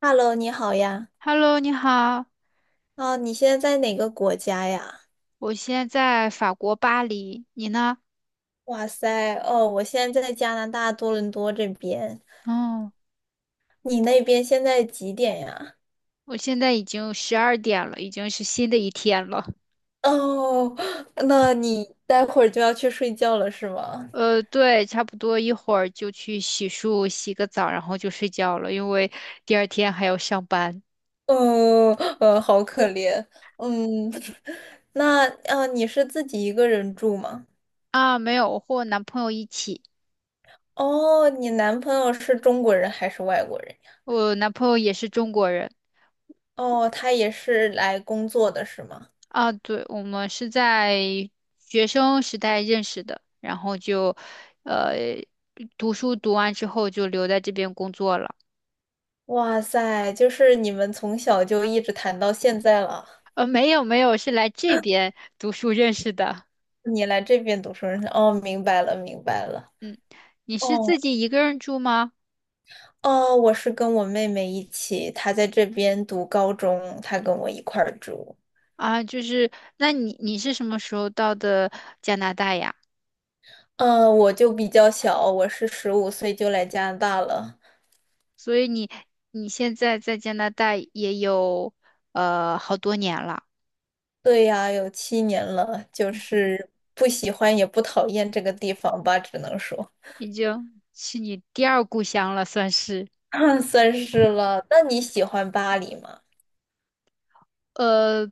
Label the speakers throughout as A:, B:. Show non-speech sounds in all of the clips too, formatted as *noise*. A: Hello，你好呀。
B: Hello，你好，
A: 哦，你现在在哪个国家呀？
B: 我现在在法国巴黎，你呢？
A: 哇塞，哦，我现在在加拿大多伦多这边。
B: 哦，
A: 你那边现在几点呀？
B: 我现在已经12点了，已经是新的一天了。
A: 哦，*sucks teeth* 那你待会儿就要去睡觉了是吗？
B: 对，差不多一会儿就去洗漱、洗个澡，然后就睡觉了，因为第二天还要上班。
A: 嗯，好可怜。嗯，*laughs* 那你是自己一个人住吗？
B: 啊，没有，我和我男朋友一起，
A: 哦，你男朋友是中国人还是外国人呀。
B: 我男朋友也是中国人。
A: 哦，他也是来工作的是吗？
B: 啊，对，我们是在学生时代认识的，然后就，呃，读书读完之后就留在这边工作了。
A: 哇塞，就是你们从小就一直谈到现在了。
B: 没有没有，是来这边读书认识的。
A: 你来这边读书认识。哦，明白了，明白了。
B: 你是自
A: 哦，
B: 己一个人住吗？
A: 哦，我是跟我妹妹一起，她在这边读高中，她跟我一块儿住。
B: 啊，就是，那你是什么时候到的加拿大呀？
A: 嗯，我就比较小，我是15岁就来加拿大了。
B: 所以你现在在加拿大也有好多年了，
A: 对呀，有7年了，就是不喜欢也不讨厌这个地方吧，只能说，
B: 已经是你第二故乡了，算是。
A: *laughs* 算是了。那你喜欢巴黎吗？
B: 呃，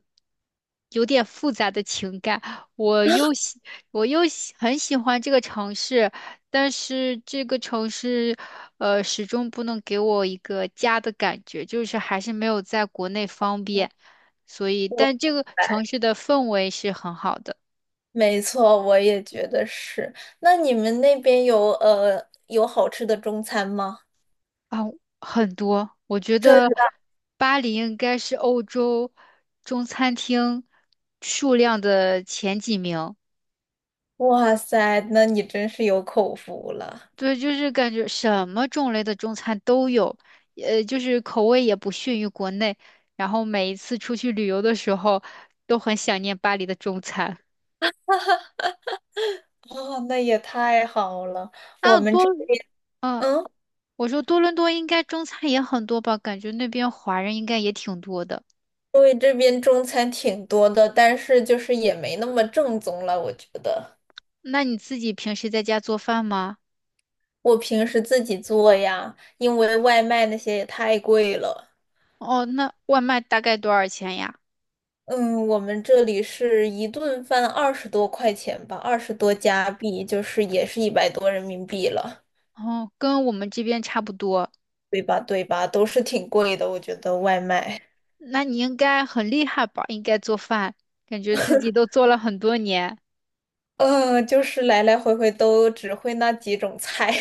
B: 有点复杂的情感。我又喜，我又喜很喜欢这个城市，但是这个城市，始终不能给我一个家的感觉，就是还是没有在国内方便。所以，
A: 我。
B: 但这个
A: 来。
B: 城市的氛围是很好的。
A: 没错，我也觉得是。那你们那边有好吃的中餐吗？
B: 啊，很多。我觉
A: 真
B: 得
A: 的，
B: 巴黎应该是欧洲中餐厅数量的前几名。
A: 哇塞，那你真是有口福了。
B: 对，就是感觉什么种类的中餐都有，就是口味也不逊于国内。然后每一次出去旅游的时候，都很想念巴黎的中餐。
A: 哦，那也太好了。我
B: 那
A: 们
B: 多，
A: 这边，
B: 嗯，
A: 嗯，
B: 我说多伦多应该中餐也很多吧？感觉那边华人应该也挺多的。
A: 因为这边中餐挺多的，但是就是也没那么正宗了，我觉得。
B: 那你自己平时在家做饭吗？
A: 我平时自己做呀，因为外卖那些也太贵了。
B: 哦，那外卖大概多少钱呀？
A: 嗯，我们这里是一顿饭20多块钱吧，20多加币，就是也是100多人民币了，
B: 哦，跟我们这边差不多。
A: 对吧？对吧？都是挺贵的，我觉得外卖，
B: 那你应该很厉害吧？应该做饭，感觉自己都做了很多年。
A: 嗯，就是来来回回都只会那几种菜，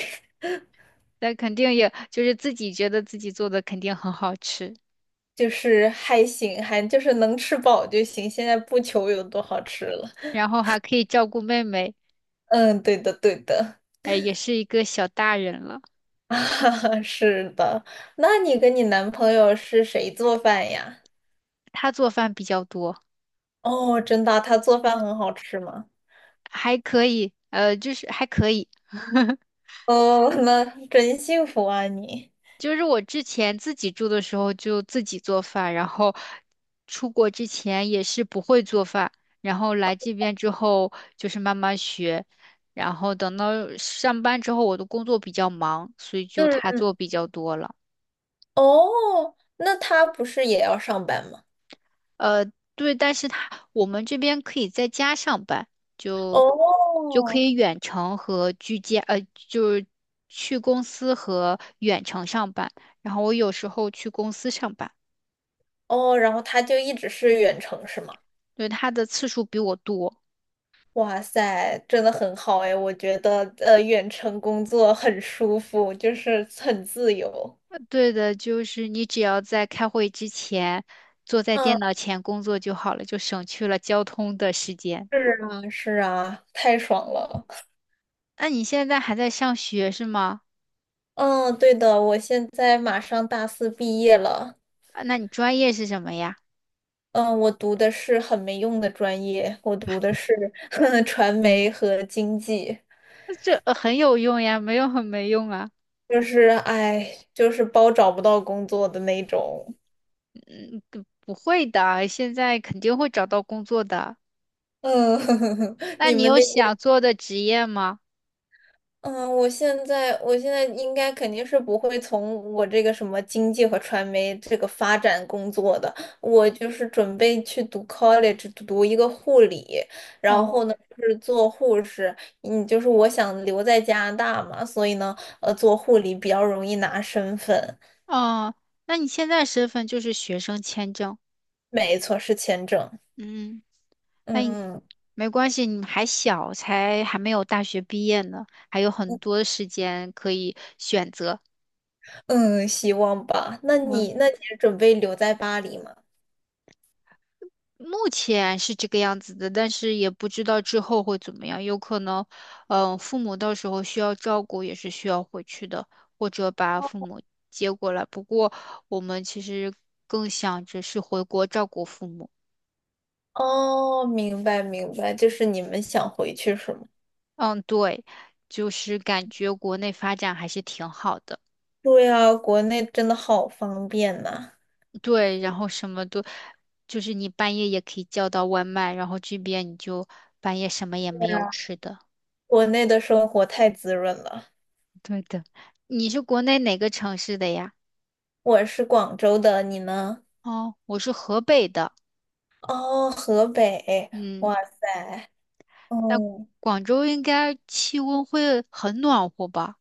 B: 但肯定也就是自己觉得自己做的肯定很好吃，
A: *laughs* 就是还行，还就是能吃饱就行，现在不求有多好吃了。
B: 然后还可以照顾妹妹，
A: 嗯，对的，对的，
B: 哎，也是一个小大人了。
A: *laughs* 啊，是的。那你跟你男朋友是谁做饭呀？
B: 她做饭比较多，
A: 哦，真的啊他做饭很好吃吗？
B: 还可以，就是还可以。*laughs*
A: 哦，那真幸福啊你。
B: 就是我之前自己住的时候就自己做饭，然后出国之前也是不会做饭，然后来这边之后就是慢慢学，然后等到上班之后我的工作比较忙，所以就她
A: 嗯，
B: 做比较多了。
A: 哦，那他不是也要上班吗？
B: 呃，对，但是他我们这边可以在家上班，就就可
A: 哦，
B: 以远程和居家，就是去公司和远程上班。然后我有时候去公司上班，
A: 哦，然后他就一直是远程是吗？
B: 对，他的次数比我多。
A: 哇塞，真的很好哎，我觉得远程工作很舒服，就是很自由。
B: 对的，就是你只要在开会之前坐在
A: 嗯，
B: 电脑前工作就好了，就省去了交通的时间。
A: 是啊，是啊，太爽了。
B: 那你现在还在上学是吗？
A: 嗯，对的，我现在马上大四毕业了。
B: 啊，那你专业是什么呀？
A: 嗯，我读的是很没用的专业，我读的是 *laughs* 传媒和经济。
B: *laughs* 那这很有用呀，没有很没用啊。
A: 就是哎，就是包找不到工作的那种。
B: 不会的，现在肯定会找到工作的。
A: 嗯，*laughs*
B: 那
A: 你
B: 你
A: 们
B: 有
A: 那边，
B: 想做的职业吗？
A: 嗯，我现在应该肯定是不会从我这个什么经济和传媒这个发展工作的，我就是准备去读 college 读一个护理，然
B: 哦，
A: 后呢就是做护士，嗯，就是我想留在加拿大嘛，所以呢，做护理比较容易拿身份，
B: 哦，那你现在身份就是学生签证。
A: 没错，是签证，
B: 嗯，那你
A: 嗯。
B: 没关系，你还小，才还没有大学毕业呢，还有很多时间可以选择。
A: 嗯，希望吧。那
B: 嗯。
A: 你，那你是准备留在巴黎吗？
B: 目前是这个样子的，但是也不知道之后会怎么样，有可能，父母到时候需要照顾，也是需要回去的，或者把父母接过来。不过我们其实更想着是回国照顾父母。
A: 哦，明白明白，就是你们想回去是吗？
B: 嗯，对，就是感觉国内发展还是挺好的。
A: 对呀，国内真的好方便呐，
B: 对，然后什么都，就是你半夜也可以叫到外卖，然后这边你就半夜什么也没有吃的。
A: 国内的生活太滋润了。
B: 对的，你是国内哪个城市的呀？
A: 我是广州的，你呢？
B: 哦，我是河北的，
A: 哦，河北，哇，
B: 嗯，但
A: 哦，
B: 广州应该气温会很暖和吧？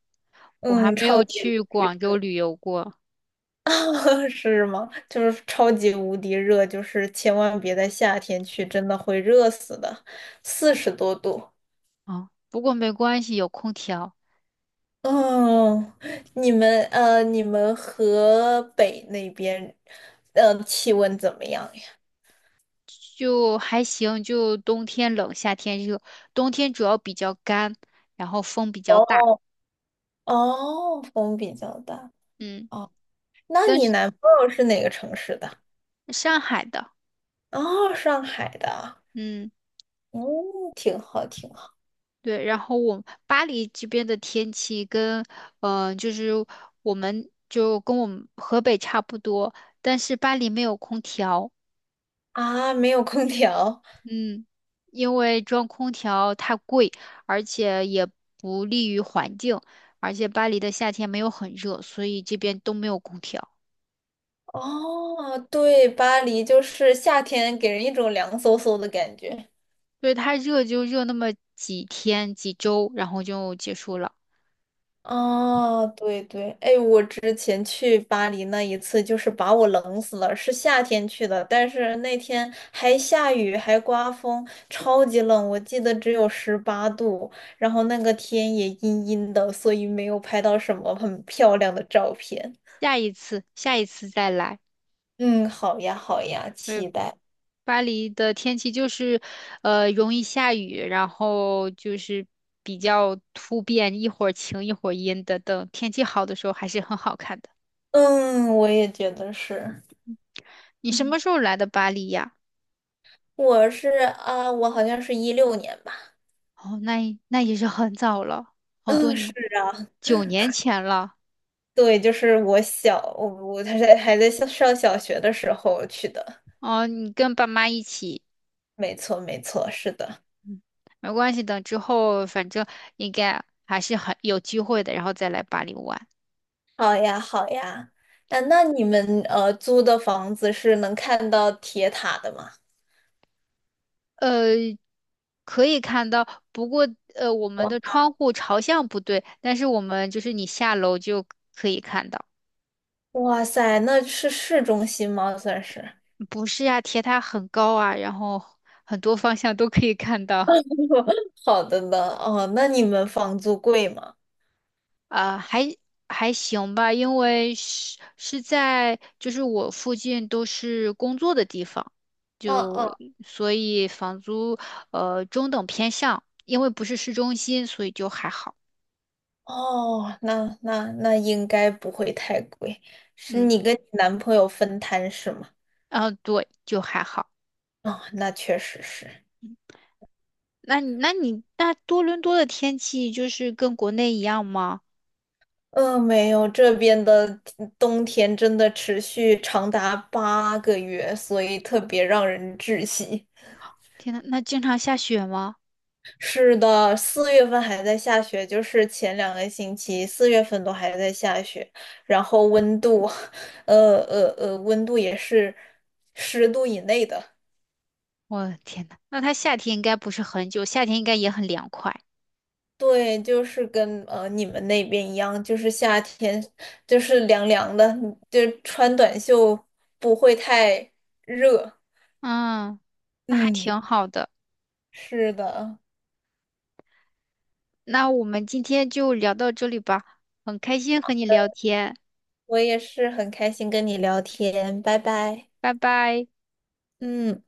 B: 我还
A: 嗯，
B: 没
A: 超
B: 有
A: 级。
B: 去广州旅游过
A: *laughs* 是吗？就是超级无敌热，就是千万别在夏天去，真的会热死的，40多度。
B: 啊，不过没关系，有空调
A: 哦，你们河北那边，气温怎么样呀？
B: 就还行，就冬天冷，夏天热，冬天主要比较干，然后风比较大，
A: 哦，哦，风比较大。
B: 嗯，
A: 哦，那
B: 但
A: 你
B: 是
A: 男朋友是哪个城市的？
B: 上海的，
A: 哦，上海的。
B: 嗯，
A: 嗯，挺好，挺好。
B: 对，然后我巴黎这边的天气跟，就是我们就跟我们河北差不多，但是巴黎没有空调。
A: 啊，没有空调。
B: 嗯，因为装空调太贵，而且也不利于环境，而且巴黎的夏天没有很热，所以这边都没有空调，
A: 哦，对，巴黎就是夏天给人一种凉飕飕的感觉。
B: 所以它热就热那么几天几周，然后就结束了。
A: 哦，对对，哎，我之前去巴黎那一次，就是把我冷死了。是夏天去的，但是那天还下雨，还刮风，超级冷，我记得只有18度，然后那个天也阴阴的，所以没有拍到什么很漂亮的照片。
B: 下一次，下一次再来。
A: 嗯，好呀，好呀，
B: 对，
A: 期待。
B: 巴黎的天气就是，容易下雨，然后就是比较突变，一会儿晴一会儿阴的。等天气好的时候还是很好看的。
A: 嗯，我也觉得是。
B: 你什
A: 嗯，
B: 么时候来的巴黎呀？
A: 我是啊，我好像是16年吧。
B: 哦，那也是很早了，好多
A: 嗯，是。
B: 年9年前了。
A: 对，就是我小，我还在上小学的时候去的，
B: 哦，你跟爸妈一起，
A: 没错没错，是的。
B: 没关系等之后反正应该还是很有机会的，然后再来巴黎玩。
A: 好呀好呀，啊，那你们租的房子是能看到铁塔的吗？
B: 呃，可以看到，不过我们
A: 哇
B: 的窗户朝向不对，但是我们就是你下楼就看到。
A: 哇塞，那是市中心吗？算是。
B: 不是呀，铁塔很高啊，然后很多方向都可以看到。
A: *laughs* 好的呢，哦，那你们房租贵吗？
B: 啊，还行吧，因为是在就是我附近都是工作的地方，
A: 嗯嗯，
B: 就所以房租中等偏上，因为不是市中心，所以就还好。
A: 哦，那应该不会太贵，是
B: 嗯，
A: 你跟你男朋友分摊是吗？
B: 啊，对，就还好。
A: 哦，那确实是。
B: 那你那你那多伦多的天气就是跟国内一样吗？
A: 没有，这边的冬天真的持续长达8个月，所以特别让人窒息。
B: 天呐，那经常下雪吗？
A: 是的，四月份还在下雪，就是前2个星期四月份都还在下雪，然后温度，*laughs* 温度也是10度以内的。
B: 我的天呐，那它夏天应该不是很久，夏天应该也很凉快。
A: 对，就是跟你们那边一样，就是夏天就是凉凉的，就穿短袖不会太热。
B: 嗯，那还
A: 嗯。
B: 挺好的。
A: 是的，
B: 那我们今天就聊到这里吧，很开心和你聊天，
A: 我也是很开心跟你聊天，拜拜。
B: 拜拜。
A: 嗯。